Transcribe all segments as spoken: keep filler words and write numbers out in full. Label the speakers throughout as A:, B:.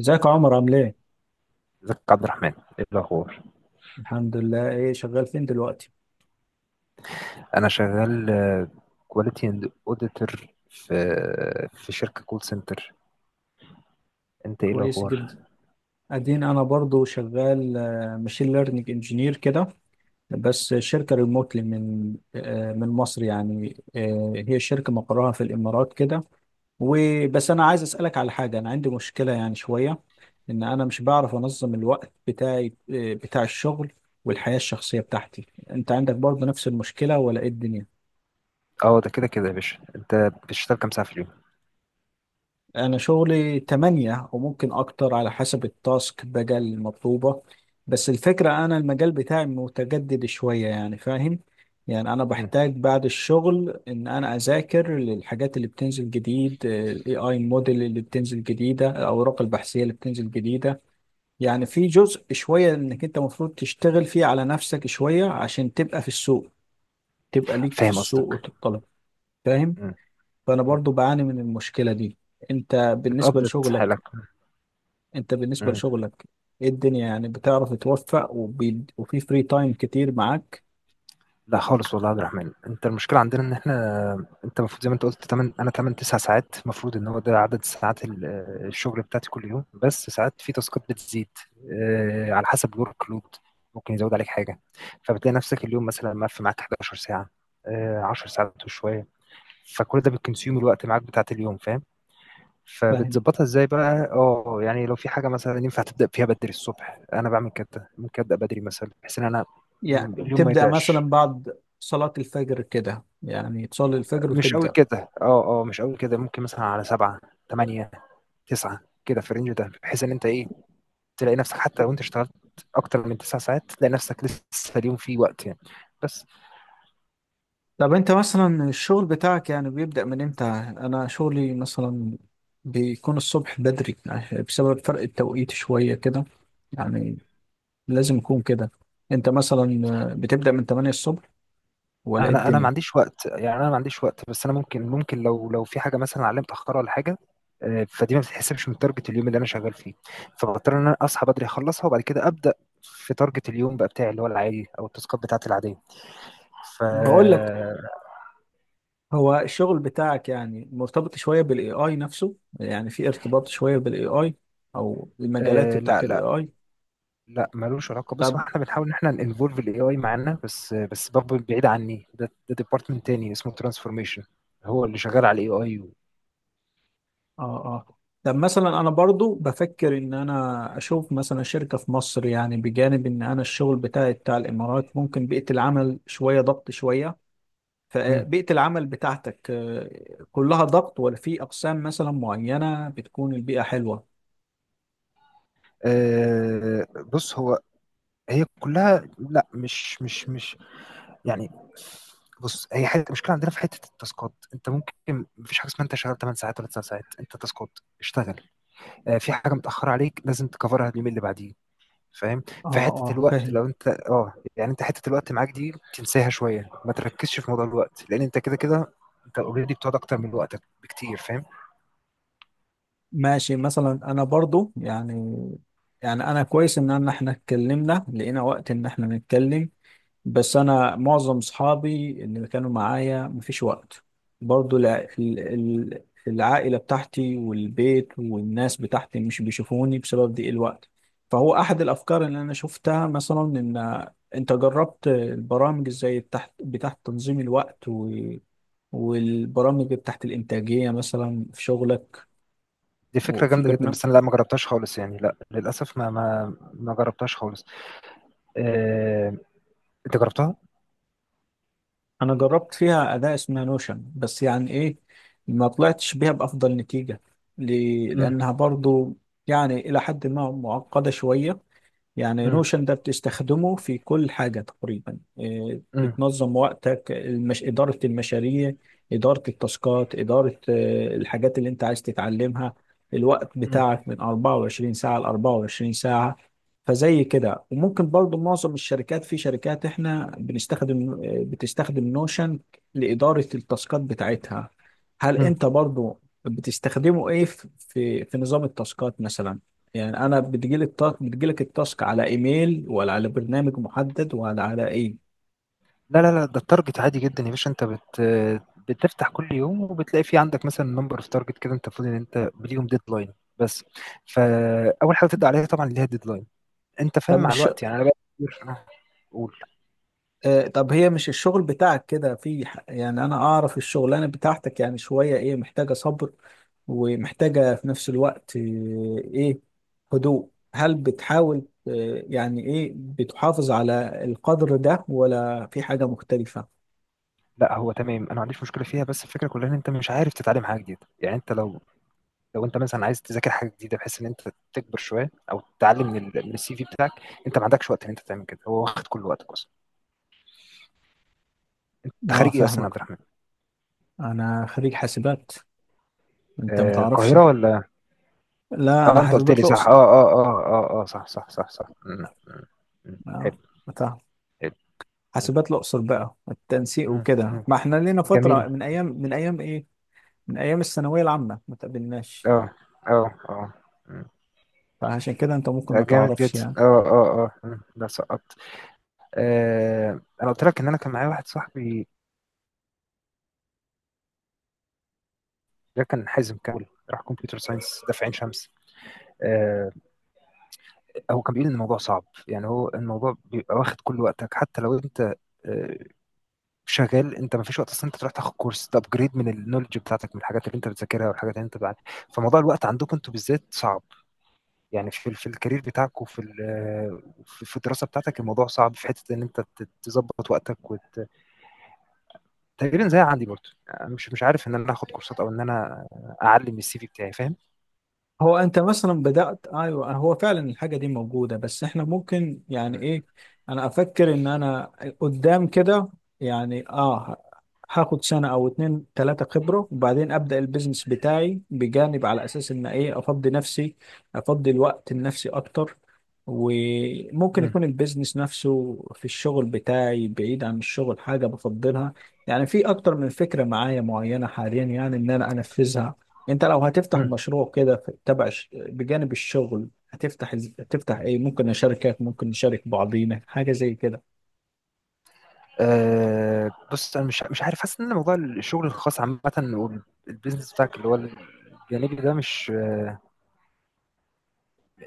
A: ازيك يا عمر عامل ايه؟
B: ازيك يا عبد الرحمن؟ ايه الاخبار؟
A: الحمد لله. ايه، شغال فين دلوقتي؟
B: انا شغال كواليتي اند اوديتور في في شركه كول سنتر. انت ايه
A: كويس
B: الاخبار؟
A: جدا، ادين انا برضو شغال ماشين ليرنينج انجينير كده. بس شركة ريموتلي من آه، من مصر يعني، آه، هي شركة مقرها في الامارات كده. وبس، انا عايز اسألك على حاجة. انا عندي مشكلة يعني شوية، ان انا مش بعرف انظم الوقت بتاعي، آه، بتاع الشغل والحياة الشخصية بتاعتي. انت عندك برضو نفس المشكلة ولا ايه الدنيا؟
B: اه، ده كده كده يا باشا، انت بتشتغل كام ساعه في اليوم؟
A: أنا شغلي تمانية وممكن أكتر على حسب التاسك بقى المطلوبة. بس الفكرة، أنا المجال بتاعي متجدد شوية، يعني فاهم. يعني أنا
B: مم.
A: بحتاج بعد الشغل إن أنا أذاكر للحاجات اللي بتنزل جديد، ال إي آي موديل اللي بتنزل جديدة، الأوراق البحثية اللي بتنزل جديدة. يعني في جزء شوية إنك أنت المفروض تشتغل فيه على نفسك شوية عشان تبقى في السوق، تبقى ليك في
B: فاهم
A: السوق
B: قصدك.
A: وتطلب. فاهم.
B: مم.
A: فأنا
B: مم.
A: برضو بعاني من المشكلة دي. أنت بالنسبة
B: بتقبض حالك؟
A: لشغلك، انت بالنسبة لشغلك ايه الدنيا؟ يعني بتعرف توفق وبي... وفي فري تايم كتير معاك؟
B: لا خالص والله يا عبد الرحمن، انت المشكله عندنا ان احنا، انت المفروض زي ما انت قلت تمانية، انا تمانية تسعة ساعات المفروض ان هو ده عدد ساعات ال- آه، الشغل بتاعتي كل يوم، بس ساعات في تاسكات بتزيد آه، على حسب الورك لود، ممكن يزود عليك حاجه. فبتلاقي نفسك اليوم مثلا مقفل معاك حداشر ساعه، آه، عشر ساعات وشويه. فكل ده بتكونسيوم الوقت معاك بتاعت اليوم، فاهم؟
A: فاهم.
B: فبتظبطها ازاي بقى؟ اه، يعني لو في حاجه مثلا ينفع تبدا فيها بدري الصبح، انا بعمل كده، ممكن ابدا بدري مثلا بحيث ان انا م-
A: يعني
B: اليوم ما
A: تبدأ مثلا
B: يضيعش.
A: بعد صلاة الفجر كده، يعني تصلي الفجر
B: مش أوي
A: وتبدأ.
B: كده، آه، آه، مش أوي كده، ممكن مثلًا على سبعة، تمانية، تسعة كده في الrange ده، بحيث إن أنت إيه، تلاقي نفسك حتى لو أنت اشتغلت أكتر من تسع ساعات، تلاقي نفسك لسه اليوم فيه وقت يعني. بس
A: طب انت مثلا الشغل بتاعك يعني بيبدأ من امتى؟ انا شغلي مثلا بيكون الصبح بدري، يعني بسبب فرق التوقيت شوية كده، يعني لازم يكون كده. انت مثلا بتبدأ من تمانية الصبح ولا ايه
B: أنا أنا ما
A: الدنيا؟
B: عنديش وقت، يعني أنا ما عنديش وقت، بس أنا ممكن ممكن لو لو في حاجة مثلًا عليّا متأخرة والّا حاجة، آآ، فدي ما بتتحسبش من target اليوم اللي أنا شغال فيه، فباضطر إن أنا أصحى بدري أخلّصها وبعد كده أبدأ في target اليوم بقى بتاعي اللي هو العادي أو التاسكات بتاعتي العادية. ف
A: بقول لك، هو الشغل بتاعك يعني مرتبط شوية بالاي اي نفسه؟ يعني في ارتباط شوية بالاي اي او المجالات
B: آآ،
A: بتاعت الاي
B: لأ،
A: اي؟
B: لا ملوش علاقه. بص،
A: طب،
B: هو احنا بنحاول ان احنا ننفولف الاي اي معانا، بس بس برضه بعيد عني، ده ده ديبارتمنت تاني اسمه ترانسفورميشن، هو اللي شغال على الاي اي و...
A: اه اه. طب مثلا انا برضو بفكر ان انا اشوف مثلا شركة في مصر، يعني بجانب ان انا الشغل بتاعي بتاع الامارات، ممكن بيئة العمل شوية ضغط شوية.
B: مم.
A: فبيئة العمل بتاعتك آه، كلها ضغط ولا في اقسام مثلا معينة بتكون البيئة حلوة؟
B: آه، بص، هو هي كلها لا، مش مش مش يعني، بص، هي حته المشكله عندنا في حته التاسكات. انت ممكن مفيش حاجه اسمها انت شغال تمن ساعات ولا تسع ساعات، انت تاسكات اشتغل. آه، في حاجه متاخره عليك لازم تكفرها اليومين اللي بعديه، فاهم؟
A: اه
B: في حتة
A: اه
B: الوقت
A: فاهم.
B: لو انت اه يعني انت حتة الوقت معاك دي تنساها شوية، ما تركزش في موضوع الوقت، لان انت كده كده انت اوريدي بتقعد اكتر من وقتك بكتير، فاهم؟
A: ماشي. مثلا انا برضو يعني، يعني انا كويس ان أنا- احنا اتكلمنا لقينا وقت ان احنا نتكلم. بس انا معظم اصحابي اللي كانوا معايا مفيش وقت. برضو الع- ال- ال- العائلة بتاعتي والبيت والناس بتاعتي مش بيشوفوني بسبب ضيق الوقت. فهو احد الافكار اللي انا شفتها مثلا، ان انت جربت البرامج ازاي بتاعت بتاعت تنظيم الوقت و والبرامج بتاعت الإنتاجية مثلا في شغلك.
B: دي فكرة
A: وفي
B: جامدة جدا،
A: برنامج،
B: بس انا لا، ما جربتهاش خالص، يعني لا، للاسف ما ما ما جربتهاش خالص. آه... انت جربتها؟
A: انا جربت فيها اداة اسمها نوشن. بس يعني ايه، ما طلعتش بيها بافضل نتيجة ل-
B: امم
A: لانها برضو يعني الى حد ما معقدة شوية. يعني
B: امم
A: نوشن ده بتستخدمه في كل حاجة تقريبا. إيه،
B: امم
A: بتنظم وقتك، المش... إدارة المشاريع، إدارة التاسكات، إدارة آه، الحاجات اللي أنت عايز تتعلمها، الوقت
B: امم
A: بتاعك من أربعة وعشرين ساعة ل أربعة وعشرين ساعة. فزي كده. وممكن برضو معظم الشركات، في شركات احنا بنستخدم، آه، بتستخدم نوشن لإدارة التاسكات بتاعتها. هل
B: امم.
A: أنت برضو بتستخدمه إيه في في في نظام التاسكات مثلا؟ يعني انا بتجيلي التاسك، بتجيلك التاسك على ايميل ولا على برنامج محدد ولا على ايه؟
B: لا لا لا، ده التارجت عادي جدا يا باشا، انت بت بتفتح كل يوم وبتلاقي في عندك مثلا نمبر اوف تارجت كده، انت المفروض ان انت ليهم ديدلاين بس. فاول حاجه تبدا عليها طبعا اللي هي الديدلاين، انت
A: طب
B: فاهم؟ مع
A: مش،
B: الوقت يعني انا بقى كتير أنا اقول.
A: آه طب هي مش الشغل بتاعك كده في ح- يعني انا اعرف الشغلانه بتاعتك يعني شويه ايه، محتاجه صبر ومحتاجه في نفس الوقت آه، ايه، هدوء. هل بتحاول آه يعني ايه، بتحافظ على القدر ده ولا في حاجه مختلفه؟
B: لا، هو تمام، انا ما عنديش مشكله فيها، بس الفكره كلها ان انت مش عارف تتعلم حاجه جديده. يعني انت لو لو انت مثلا عايز تذاكر حاجه جديده بحيث ان انت تكبر شويه او تتعلم من ال- من السي في بتاعك، انت ما عندكش وقت ان انت تعمل كده، هو واخد كل وقتك اصلا. انت
A: اه
B: خريج ايه اصلا يا عبد
A: فاهمك.
B: الرحمن؟
A: انا خريج حاسبات. انت
B: آه،
A: متعرفش؟
B: القاهره ولا؟
A: لا انا
B: اه، انت قلت لي
A: حاسبات
B: صح، اه
A: الاقصر.
B: اه اه اه اه، صح صح صح صح. مم، مم، مم. حلو.
A: اه فاهم.
B: حلو. مم،
A: حاسبات الأقصر بقى التنسيق
B: مم،
A: وكده،
B: مم.
A: ما احنا لينا
B: جميل.
A: فترة من أيام، من أيام إيه، من أيام الثانوية العامة ما تقابلناش.
B: اه اه اه. مم.
A: فعشان كده أنت ممكن
B: ده
A: ما
B: جامد
A: تعرفش
B: جدا.
A: يعني.
B: اه اه اه. مم. ده سقط. آه، انا قلت لك ان انا كان معايا واحد صاحبي، ده كان حازم كامل، راح كمبيوتر ساينس ده في عين شمس. آه، هو كان بيقول ان الموضوع صعب، يعني هو الموضوع بيبقى واخد كل وقتك، حتى لو انت آه، شغال، انت ما فيش وقت اصلا انت تروح تاخد كورس، تابجريد من النولج بتاعتك، من الحاجات اللي انت بتذاكرها والحاجات اللي انت بعد. فموضوع الوقت عندكم انتوا بالذات صعب، يعني في في الكارير بتاعك وفي ال- آه، في في الدراسه بتاعتك، الموضوع صعب في حته ان انت ت- تظبط وقتك وت تقريبًا زي عندي برضه. يعني مش مش عارف إن أنا آخد كورسات أو إن أنا أعلّي من الCV بتاعي، فاهم؟
A: هو انت مثلا بدأت، ايوه هو فعلا الحاجة دي موجودة. بس احنا ممكن يعني
B: إمم،
A: ايه، انا افكر ان انا قدام كده يعني اه، هاخد سنة او اتنين تلاتة خبرة وبعدين ابدأ البيزنس بتاعي بجانب، على اساس ان ايه، افضي نفسي، افضي الوقت لنفسي اكتر. وممكن
B: إمم،
A: يكون البيزنس نفسه في الشغل بتاعي، بعيد عن الشغل حاجة بفضلها. يعني في اكتر من فكرة معايا معينة حاليا، يعني ان انا انفذها. انت لو هتفتح
B: إمم،
A: مشروع كده في- تبع ش- بجانب الشغل، هتفتح إز- هتفتح ايه؟ ممكن شركات، ممكن نشارك بعضينا حاجه زي كده؟
B: آآ بُص، أنا مش مش عارف، حاسس إن موضوع الشغل الخاص عامةً والbusiness بتاعك اللي هو الجانبي ده مش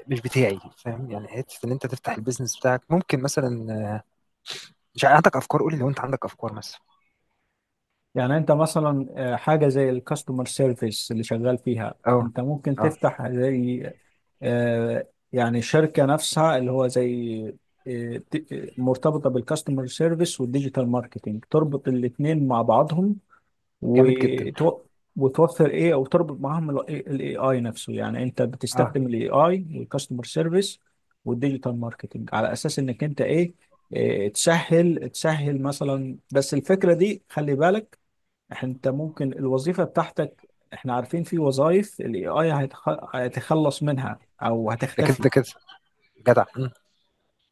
B: مش بتاعي، فاهم؟ يعني حتّة إن أنت تفتح الbusiness بتاعك ممكن مثلًا، مش عارف. عندك أفكار؟ قُل لي لو أنت عندك أفكار مثلًا.
A: يعني انت مثلا آه، حاجه زي الكاستمر سيرفيس اللي شغال فيها،
B: آه،
A: انت ممكن
B: آه،
A: تفتح زي آه، يعني شركه نفسها اللي هو زي، آه، ت- آه، مرتبطه بالكاستمر سيرفيس والديجيتال ماركتينج، تربط الاثنين مع بعضهم
B: جامد جدًا.
A: وتو... وتوفر ايه، او تربط معاهم الاي اي نفسه. يعني انت
B: آه،
A: بتستخدم الاي اي والكاستمر سيرفيس والديجيتال ماركتنج على اساس انك انت ايه، إيه، تسهل تسهل مثلا. بس الفكره دي خلي بالك، انت ممكن الوظيفه بتاعتك، احنا عارفين في وظائف الاي اي هيتخلص منها او
B: ده
A: هتختفي.
B: كده كده، جدع. إمم،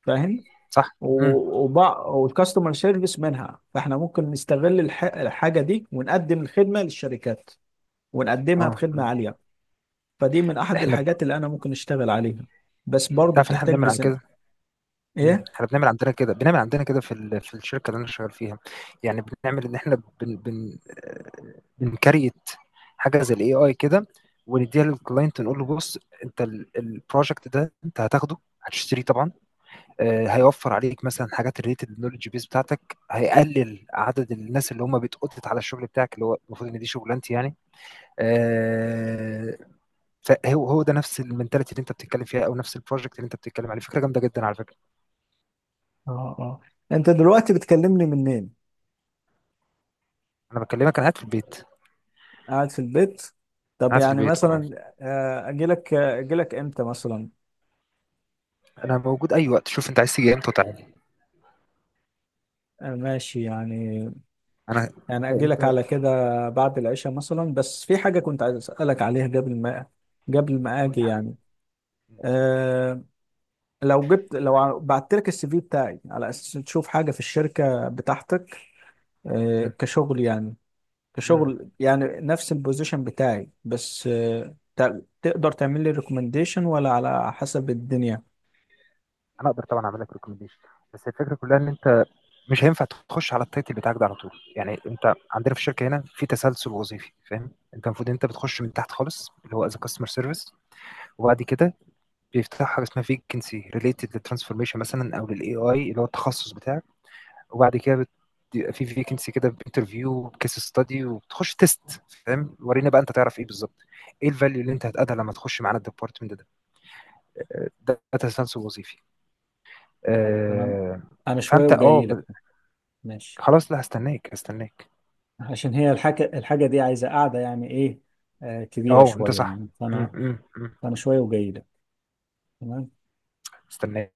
A: فاهم.
B: صح. إمم،
A: و- وبع... والكاستمر سيرفيس منها، فاحنا ممكن نستغل الح... الحاجه دي ونقدم الخدمه للشركات ونقدمها
B: آه،
A: بخدمة
B: إمم.
A: عالية. فدي من أحد
B: إحنا ب
A: الحاجات اللي أنا ممكن أشتغل عليها. بس
B: إمم،
A: برضو
B: تعرف إن إحنا
A: بتحتاج
B: بنعمل عن كده.
A: ميزانية.
B: مم.
A: إيه؟
B: احنا بنعمل عندنا كده، بنعمل عندنا كده في ال- في الشركه اللي انا شغال فيها. يعني بنعمل ان احنا بن بن آه، بنكريت حاجه زي الاي اي كده ونديها للكلاينت، نقول له بص، انت البروجكت ده انت هتاخده، هتشتريه طبعا. آه، هيوفر عليك مثلا حاجات ريليتد للنولج بيس بتاعتك، هيقلل عدد الناس اللي هم بتقضت على الشغل بتاعك اللي هو المفروض ان دي شغلانتي يعني. آه، فهو هو ده نفس المنتاليتي اللي انت بتتكلم فيها، او نفس البروجكت اللي انت بتتكلم عليه. فكره جامده جدا على فكره.
A: اه اه. انت دلوقتي بتكلمني منين؟
B: انا بكلمك، انا قاعد في البيت.
A: قاعد في البيت. طب
B: قاعد في
A: يعني
B: البيت اه،
A: مثلا آه، أجيلك، آه، أجيلك إمتى مثلا؟
B: انا موجود اي وقت. شوف انت عايز تيجي امتى وتعالى.
A: آه، ماشي يعني،
B: انا
A: يعني
B: انت
A: أجيلك
B: انت
A: على كده بعد العشاء مثلا. بس في حاجة كنت عايز أسألك عليها قبل ما، قبل ما
B: قول لي
A: أجي
B: حبيبي.
A: يعني. أه، لو جبت، لو ع- بعت لك السي في بتاعي على أساس تشوف حاجة في الشركة بتاعتك، أه
B: مم.
A: كشغل يعني،
B: مم.
A: كشغل يعني نفس البوزيشن بتاعي. بس آه، ت- تقدر تعمل لي ريكومنديشن ولا على حسب الدنيا؟
B: انا اقدر طبعا اعمل لك ريكومنديشن، بس الفكره كلها ان انت مش هينفع تخش على التايتل بتاعك ده على طول. يعني انت عندنا في الشركه هنا في تسلسل وظيفي، فاهم؟ انت المفروض انت بتخش من تحت خالص، اللي هو از كاستمر سيرفيس، وبعد كده بيفتح حاجه اسمها فيكنسي ريليتد للترانسفورميشن مثلا، او للاي اي اللي هو التخصص بتاعك. وبعد كده بت- بيبقى في فيكنسي كده، بانترفيو وبكيس ستادي وبتخش تيست، فاهم؟ ورينا بقى انت تعرف ايه بالظبط، ايه الفاليو اللي انت هتقدها لما تخش معانا الديبارتمنت ده. ده داتا ساينس وظيفي.
A: طب تمام،
B: آه،
A: انا شويه
B: فانت اه
A: وجاي لك.
B: ب-
A: ماشي،
B: خلاص، لا، هستناك هستناك.
A: عشان هي الحاجه، الحاجه دي عايزه قاعده يعني ايه، آه كبيره
B: اه انت
A: شويه
B: صح.
A: يعني،
B: م-
A: فانا
B: م- م.
A: فانا شويه وجاي لك. تمام.
B: استناك.